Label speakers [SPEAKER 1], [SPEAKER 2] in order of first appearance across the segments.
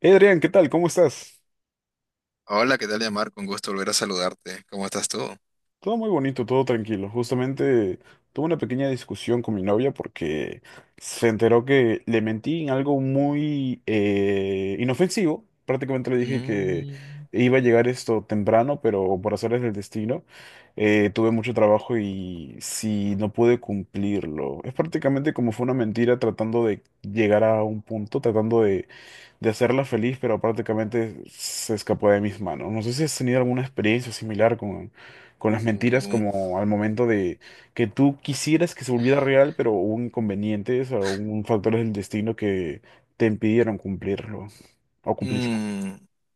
[SPEAKER 1] Hey Adrián, ¿qué tal? ¿Cómo estás?
[SPEAKER 2] Hola, ¿qué tal, Yamar? Con gusto volver a saludarte. ¿Cómo estás tú?
[SPEAKER 1] Todo muy bonito, todo tranquilo. Justamente tuve una pequeña discusión con mi novia porque se enteró que le mentí en algo muy inofensivo. Prácticamente le dije que
[SPEAKER 2] Mm,
[SPEAKER 1] iba a llegar esto temprano, pero por azares del destino tuve mucho trabajo y sí, no pude cumplirlo. Es prácticamente como fue una mentira tratando de llegar a un punto, tratando de hacerla feliz, pero prácticamente se escapó de mis manos. No sé si has tenido alguna experiencia similar con las mentiras
[SPEAKER 2] uh,
[SPEAKER 1] como al momento de que tú quisieras que se volviera real, pero hubo inconvenientes o un factores del destino que te impidieron cumplirlo o cumplirla.
[SPEAKER 2] mm,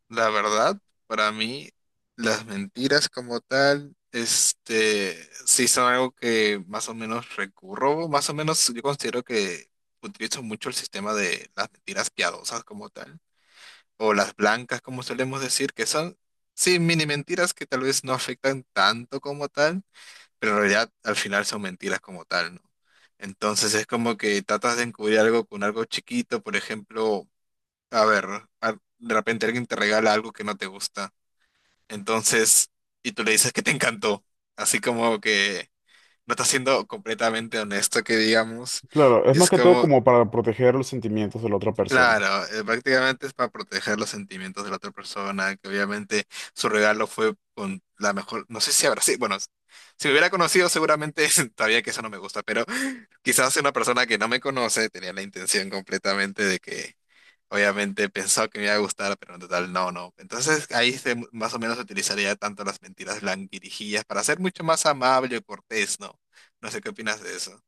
[SPEAKER 2] la verdad, para mí, las mentiras como tal, sí son algo que más o menos recurro, más o menos yo considero que utilizo mucho el sistema de las mentiras piadosas como tal, o las blancas como solemos decir, que son, sí, mini mentiras que tal vez no afectan tanto como tal, pero en realidad al final son mentiras como tal, ¿no? Entonces es como que tratas de encubrir algo con algo chiquito, por ejemplo, a ver, de repente alguien te regala algo que no te gusta, entonces, y tú le dices que te encantó, así como que no estás siendo completamente honesto, que digamos,
[SPEAKER 1] Claro, es
[SPEAKER 2] y
[SPEAKER 1] más
[SPEAKER 2] es
[SPEAKER 1] que todo
[SPEAKER 2] como,
[SPEAKER 1] como para proteger los sentimientos de la otra persona.
[SPEAKER 2] claro, prácticamente es para proteger los sentimientos de la otra persona, que obviamente su regalo fue con la mejor, no sé si habrá sí, bueno, si me hubiera conocido seguramente sabía que eso no me gusta, pero quizás una persona que no me conoce tenía la intención completamente de que obviamente pensó que me iba a gustar, pero en total no, no. Entonces ahí se, más o menos utilizaría tanto las mentiras blanquirijillas para ser mucho más amable y cortés, ¿no? No sé qué opinas de eso.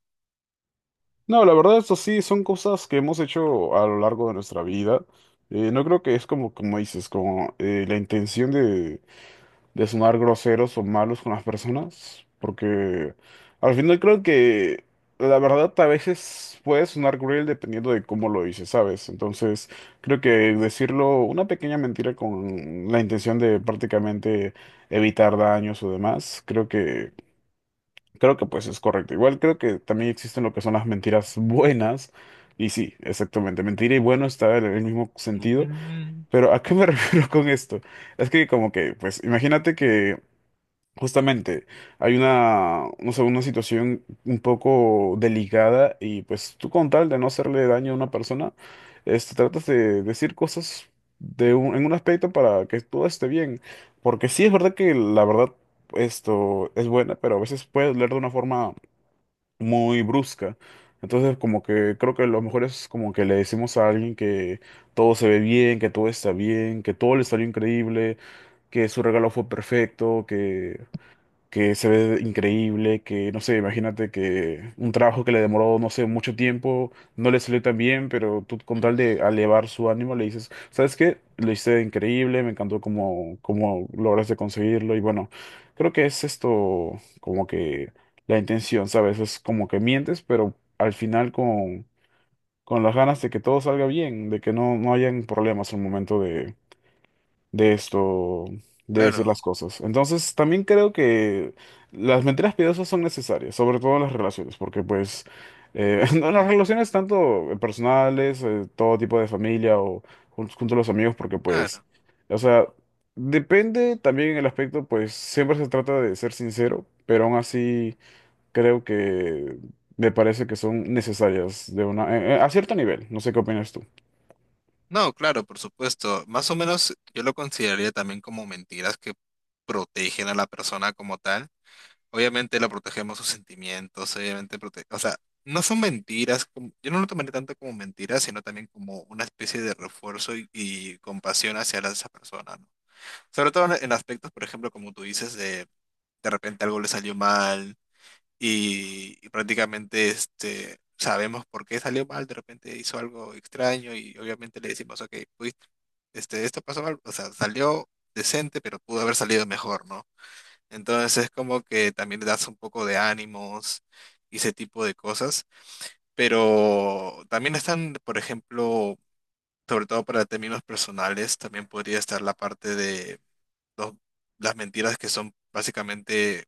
[SPEAKER 1] No, la verdad, eso sí, son cosas que hemos hecho a lo largo de nuestra vida. No creo que es como, como dices, como la intención de sonar groseros o malos con las personas, porque al final creo que la verdad a veces puede sonar cruel dependiendo de cómo lo dices, ¿sabes? Entonces creo que decirlo una pequeña mentira con la intención de prácticamente evitar daños o demás, creo que pues es correcto. Igual creo que también existen lo que son las mentiras buenas. Y sí, exactamente, mentira y bueno está en el mismo sentido. Pero ¿a qué me refiero con esto? Es que como que, pues imagínate que justamente, hay una, no sé, una situación un poco delicada y pues tú con tal de no hacerle daño a una persona, este, tratas de decir cosas de un- en un aspecto para que todo esté bien. Porque sí es verdad que la verdad esto es buena, pero a veces puede doler de una forma muy brusca. Entonces como que creo que lo mejor es como que le decimos a alguien que todo se ve bien, que todo está bien, que todo le salió increíble, que su regalo fue perfecto, que se ve increíble, que no sé, imagínate que un trabajo que le demoró, no sé, mucho tiempo, no le salió tan bien, pero tú con tal de elevar su ánimo le dices, ¿sabes qué? Lo hice increíble, me encantó cómo, cómo lograste conseguirlo y bueno, creo que es esto como que la intención, ¿sabes? Es como que mientes, pero al final con las ganas de que todo salga bien, de que no, no hayan problemas al momento de esto, de decir las
[SPEAKER 2] Claro.
[SPEAKER 1] cosas. Entonces, también creo que las mentiras piadosas son necesarias, sobre todo en las relaciones, porque pues en las
[SPEAKER 2] Ujú.
[SPEAKER 1] relaciones tanto personales, todo tipo de familia o junto, junto a los amigos, porque pues,
[SPEAKER 2] Claro.
[SPEAKER 1] o sea, depende también el aspecto, pues siempre se trata de ser sincero, pero aún así creo que me parece que son necesarias de una, a cierto nivel. No sé qué opinas tú.
[SPEAKER 2] No, claro, por supuesto. Más o menos yo lo consideraría también como mentiras que protegen a la persona como tal. Obviamente la protegemos sus sentimientos, obviamente protege, o sea, no son mentiras, como- yo no lo tomaría tanto como mentiras, sino también como una especie de refuerzo y compasión hacia esa persona, ¿no? Sobre todo en aspectos, por ejemplo, como tú dices, de repente algo le salió mal, y prácticamente este, sabemos por qué salió mal, de repente hizo algo extraño y obviamente le decimos, ok, este, esto pasó mal, o sea, salió decente, pero pudo haber salido mejor, ¿no? Entonces es como que también le das un poco de ánimos y ese tipo de cosas, pero también están, por ejemplo, sobre todo para términos personales, también podría estar la parte de los- las mentiras que son básicamente,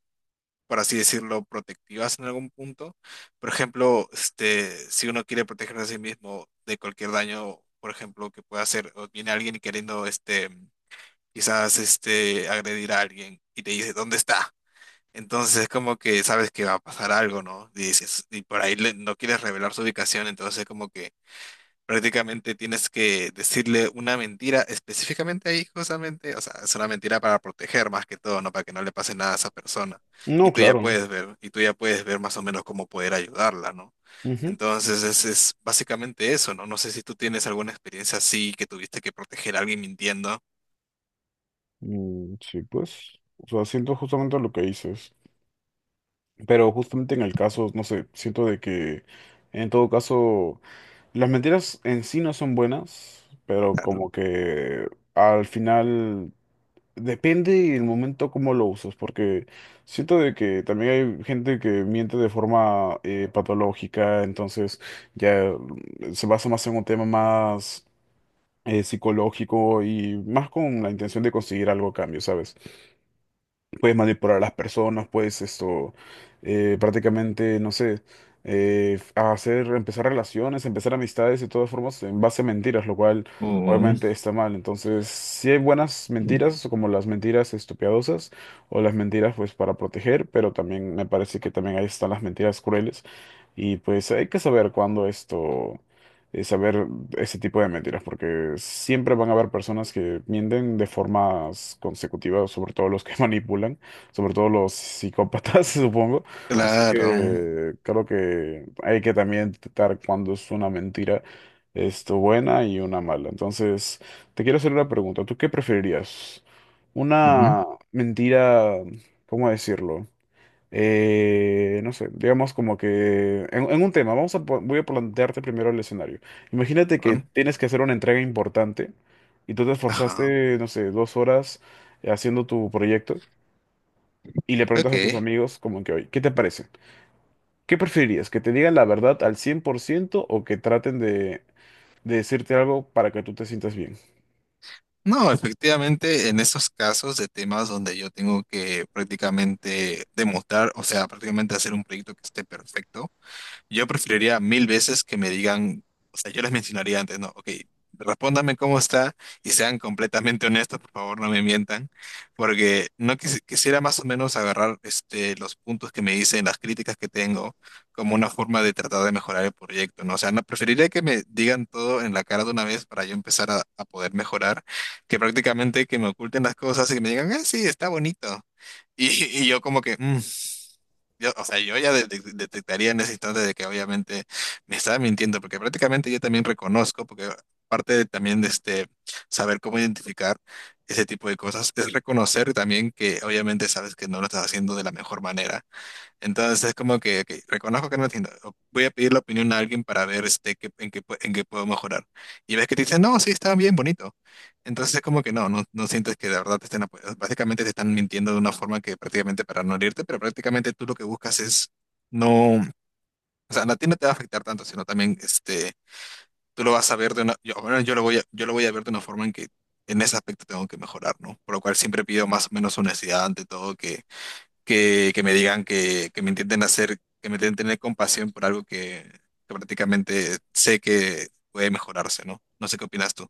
[SPEAKER 2] por así decirlo, protectivas en algún punto. Por ejemplo, este, si uno quiere protegerse a sí mismo de cualquier daño, por ejemplo, que pueda hacer, o viene alguien queriendo, este, quizás, este, agredir a alguien y te dice, ¿dónde está? Entonces es como que sabes que va a pasar algo, ¿no? Y dices, y por ahí no quieres revelar su ubicación, entonces como que prácticamente tienes que decirle una mentira específicamente ahí, justamente. O sea, es una mentira para proteger más que todo, ¿no? Para que no le pase nada a esa persona. Y
[SPEAKER 1] No,
[SPEAKER 2] tú ya
[SPEAKER 1] claro.
[SPEAKER 2] puedes ver, y tú ya puedes ver más o menos cómo poder ayudarla, ¿no?
[SPEAKER 1] Ujú.
[SPEAKER 2] Entonces, es básicamente eso, ¿no? No sé si tú tienes alguna experiencia así que tuviste que proteger a alguien mintiendo.
[SPEAKER 1] Mm, sí, pues, o sea, siento justamente lo que dices, pero justamente en el caso, no sé, siento de que en todo caso las mentiras en sí no son buenas, pero
[SPEAKER 2] Claro.
[SPEAKER 1] como que al final depende el momento cómo lo usas, porque siento de que también hay gente que miente de forma patológica, entonces ya se basa más en un tema más psicológico y más con la intención de conseguir algo a cambio, ¿sabes? Puedes manipular a las personas, puedes esto, prácticamente, no sé, hacer, empezar relaciones, empezar amistades de todas formas en base a mentiras, lo cual
[SPEAKER 2] Oh,
[SPEAKER 1] obviamente está mal. Entonces, sí hay buenas mentiras, como las mentiras esto, piadosas o las mentiras pues para proteger, pero también me parece que también ahí están las mentiras crueles. Y pues hay que saber cuándo esto saber ese tipo de mentiras, porque siempre van a haber personas que mienten de formas consecutivas, sobre todo los que manipulan, sobre todo los psicópatas, supongo. Así
[SPEAKER 2] claro.
[SPEAKER 1] que creo que hay que también detectar cuando es una mentira, esto buena y una mala. Entonces, te quiero hacer una pregunta. ¿Tú qué preferirías?
[SPEAKER 2] Ujú.
[SPEAKER 1] Una mentira, ¿cómo decirlo? No sé, digamos como que en un tema, vamos a, po- voy a plantearte primero el escenario. Imagínate que
[SPEAKER 2] Claro.
[SPEAKER 1] tienes que hacer una entrega importante y tú te
[SPEAKER 2] Ajá.
[SPEAKER 1] esforzaste, no sé, 2 horas haciendo tu proyecto y le preguntas a tus
[SPEAKER 2] Ok.
[SPEAKER 1] amigos como que hoy, ¿qué te parece? ¿Qué preferirías? ¿Que te digan la verdad al 100 por ciento o que traten de decirte algo para que tú te sientas bien?
[SPEAKER 2] No, efectivamente, en esos casos de temas donde yo tengo que prácticamente demostrar, o sea, prácticamente hacer un proyecto que esté perfecto. Yo preferiría mil veces que me digan, o sea, yo les mencionaría antes, no, ok, respóndame cómo está y sean completamente honestos, por favor, no me mientan, porque no quisi- quisiera más o menos agarrar este, los puntos que me dicen, las críticas que tengo, como una forma de tratar de mejorar el proyecto, ¿no? O sea, no, preferiría que me digan todo en la cara de una vez para yo empezar a poder mejorar, que prácticamente que me oculten las cosas y que me digan, ah, sí, está bonito. Y, y yo como que, "Mm, yo, o sea, yo ya detectaría en ese instante de que obviamente me estaba mintiendo, porque prácticamente yo también reconozco, porque parte de, también de este saber cómo identificar ese tipo de cosas es reconocer también que obviamente sabes que no lo estás haciendo de la mejor manera. Entonces es como que, ok, reconozco que no entiendo. O voy a pedir la opinión a alguien para ver este, en qué, en qué puedo mejorar. Y ves que te dicen, no, sí, está bien bonito. Entonces es como que no, no, no sientes que de verdad te estén apoyando. Básicamente te están mintiendo de una forma que prácticamente para no herirte, pero prácticamente tú lo que buscas es no, o sea, a ti no te va a afectar tanto, sino también este, tú lo vas a ver de una, yo, bueno, yo lo voy a ver de una forma en que en ese aspecto tengo que mejorar, ¿no? Por lo cual siempre pido más o menos honestidad ante todo, que me digan que me intenten hacer, que me intenten tener compasión por algo que prácticamente sé que puede mejorarse, ¿no? No sé qué opinas tú.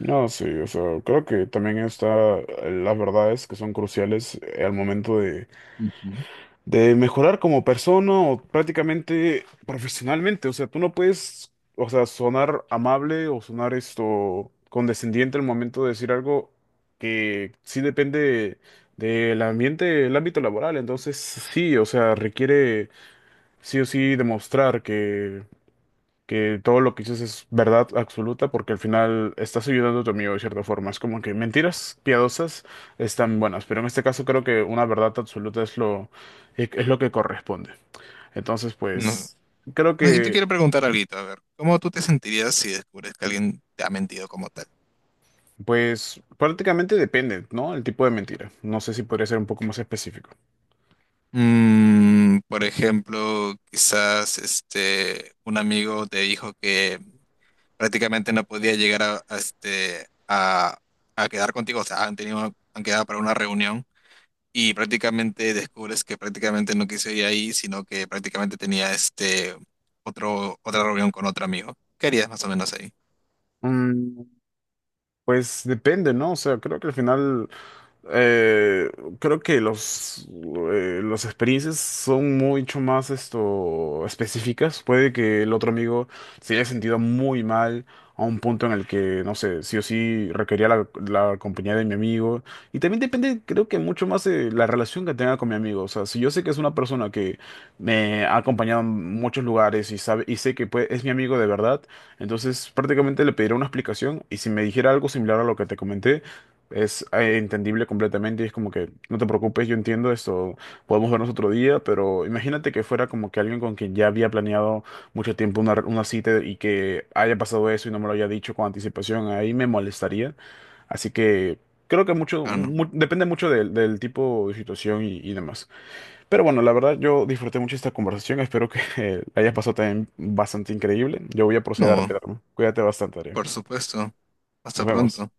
[SPEAKER 1] No, sí, o sea, creo que también está las verdades que son cruciales al momento
[SPEAKER 2] Ujú.
[SPEAKER 1] de mejorar como persona o prácticamente profesionalmente. O sea, tú no puedes, o sea, sonar amable o sonar esto condescendiente al momento de decir algo que sí depende del ambiente, el ámbito laboral. Entonces, sí, o sea, requiere sí o sí demostrar que todo lo que dices es verdad absoluta porque al final estás ayudando a tu amigo de cierta forma. Es como que mentiras piadosas están buenas, pero en este caso creo que una verdad absoluta es lo que corresponde. Entonces,
[SPEAKER 2] No.
[SPEAKER 1] pues, creo
[SPEAKER 2] No, yo te
[SPEAKER 1] que,
[SPEAKER 2] quiero preguntar algo, a ver, ¿cómo tú te sentirías si descubres que alguien te ha mentido como tal?
[SPEAKER 1] pues, prácticamente depende, ¿no? El tipo de mentira. No sé si podría ser un poco más específico.
[SPEAKER 2] Mm, por ejemplo, quizás este un amigo te dijo que prácticamente no podía llegar a, este a quedar contigo, o sea, han quedado para una reunión y prácticamente descubres que prácticamente no quiso ir ahí, sino que prácticamente tenía este otro, otra reunión con otro amigo. ¿Qué harías más o menos ahí?
[SPEAKER 1] Mm, pues depende, ¿no? O sea, creo que al final... Eh, Creo que los, las experiencias son mucho más esto, específicas. Puede que el otro amigo se haya sentido muy mal a un punto en el que, no sé, sí o sí requería la, la compañía de mi amigo. Y también depende, creo que mucho más de la relación que tenga con mi amigo. O sea, si yo sé que es una persona que me ha acompañado en muchos lugares y sabe, y sé que puede- es mi amigo de verdad, entonces prácticamente le pediré una explicación y si me dijera algo similar a lo que te comenté es entendible completamente y es como que no te preocupes, yo entiendo esto, podemos vernos otro día, pero imagínate que fuera como que alguien con quien ya había planeado mucho tiempo una cita y que haya pasado eso y no me lo haya dicho con anticipación, ahí me molestaría. Así que creo que mucho,
[SPEAKER 2] Claro, no.
[SPEAKER 1] mu- depende mucho del, del tipo de situación y demás. Pero bueno, la verdad yo disfruté mucho esta conversación, espero que la hayas pasado también bastante increíble. Yo voy a proceder a
[SPEAKER 2] No,
[SPEAKER 1] retirarme. Cuídate bastante, Adrián.
[SPEAKER 2] por supuesto. Hasta
[SPEAKER 1] Nos vemos.
[SPEAKER 2] pronto.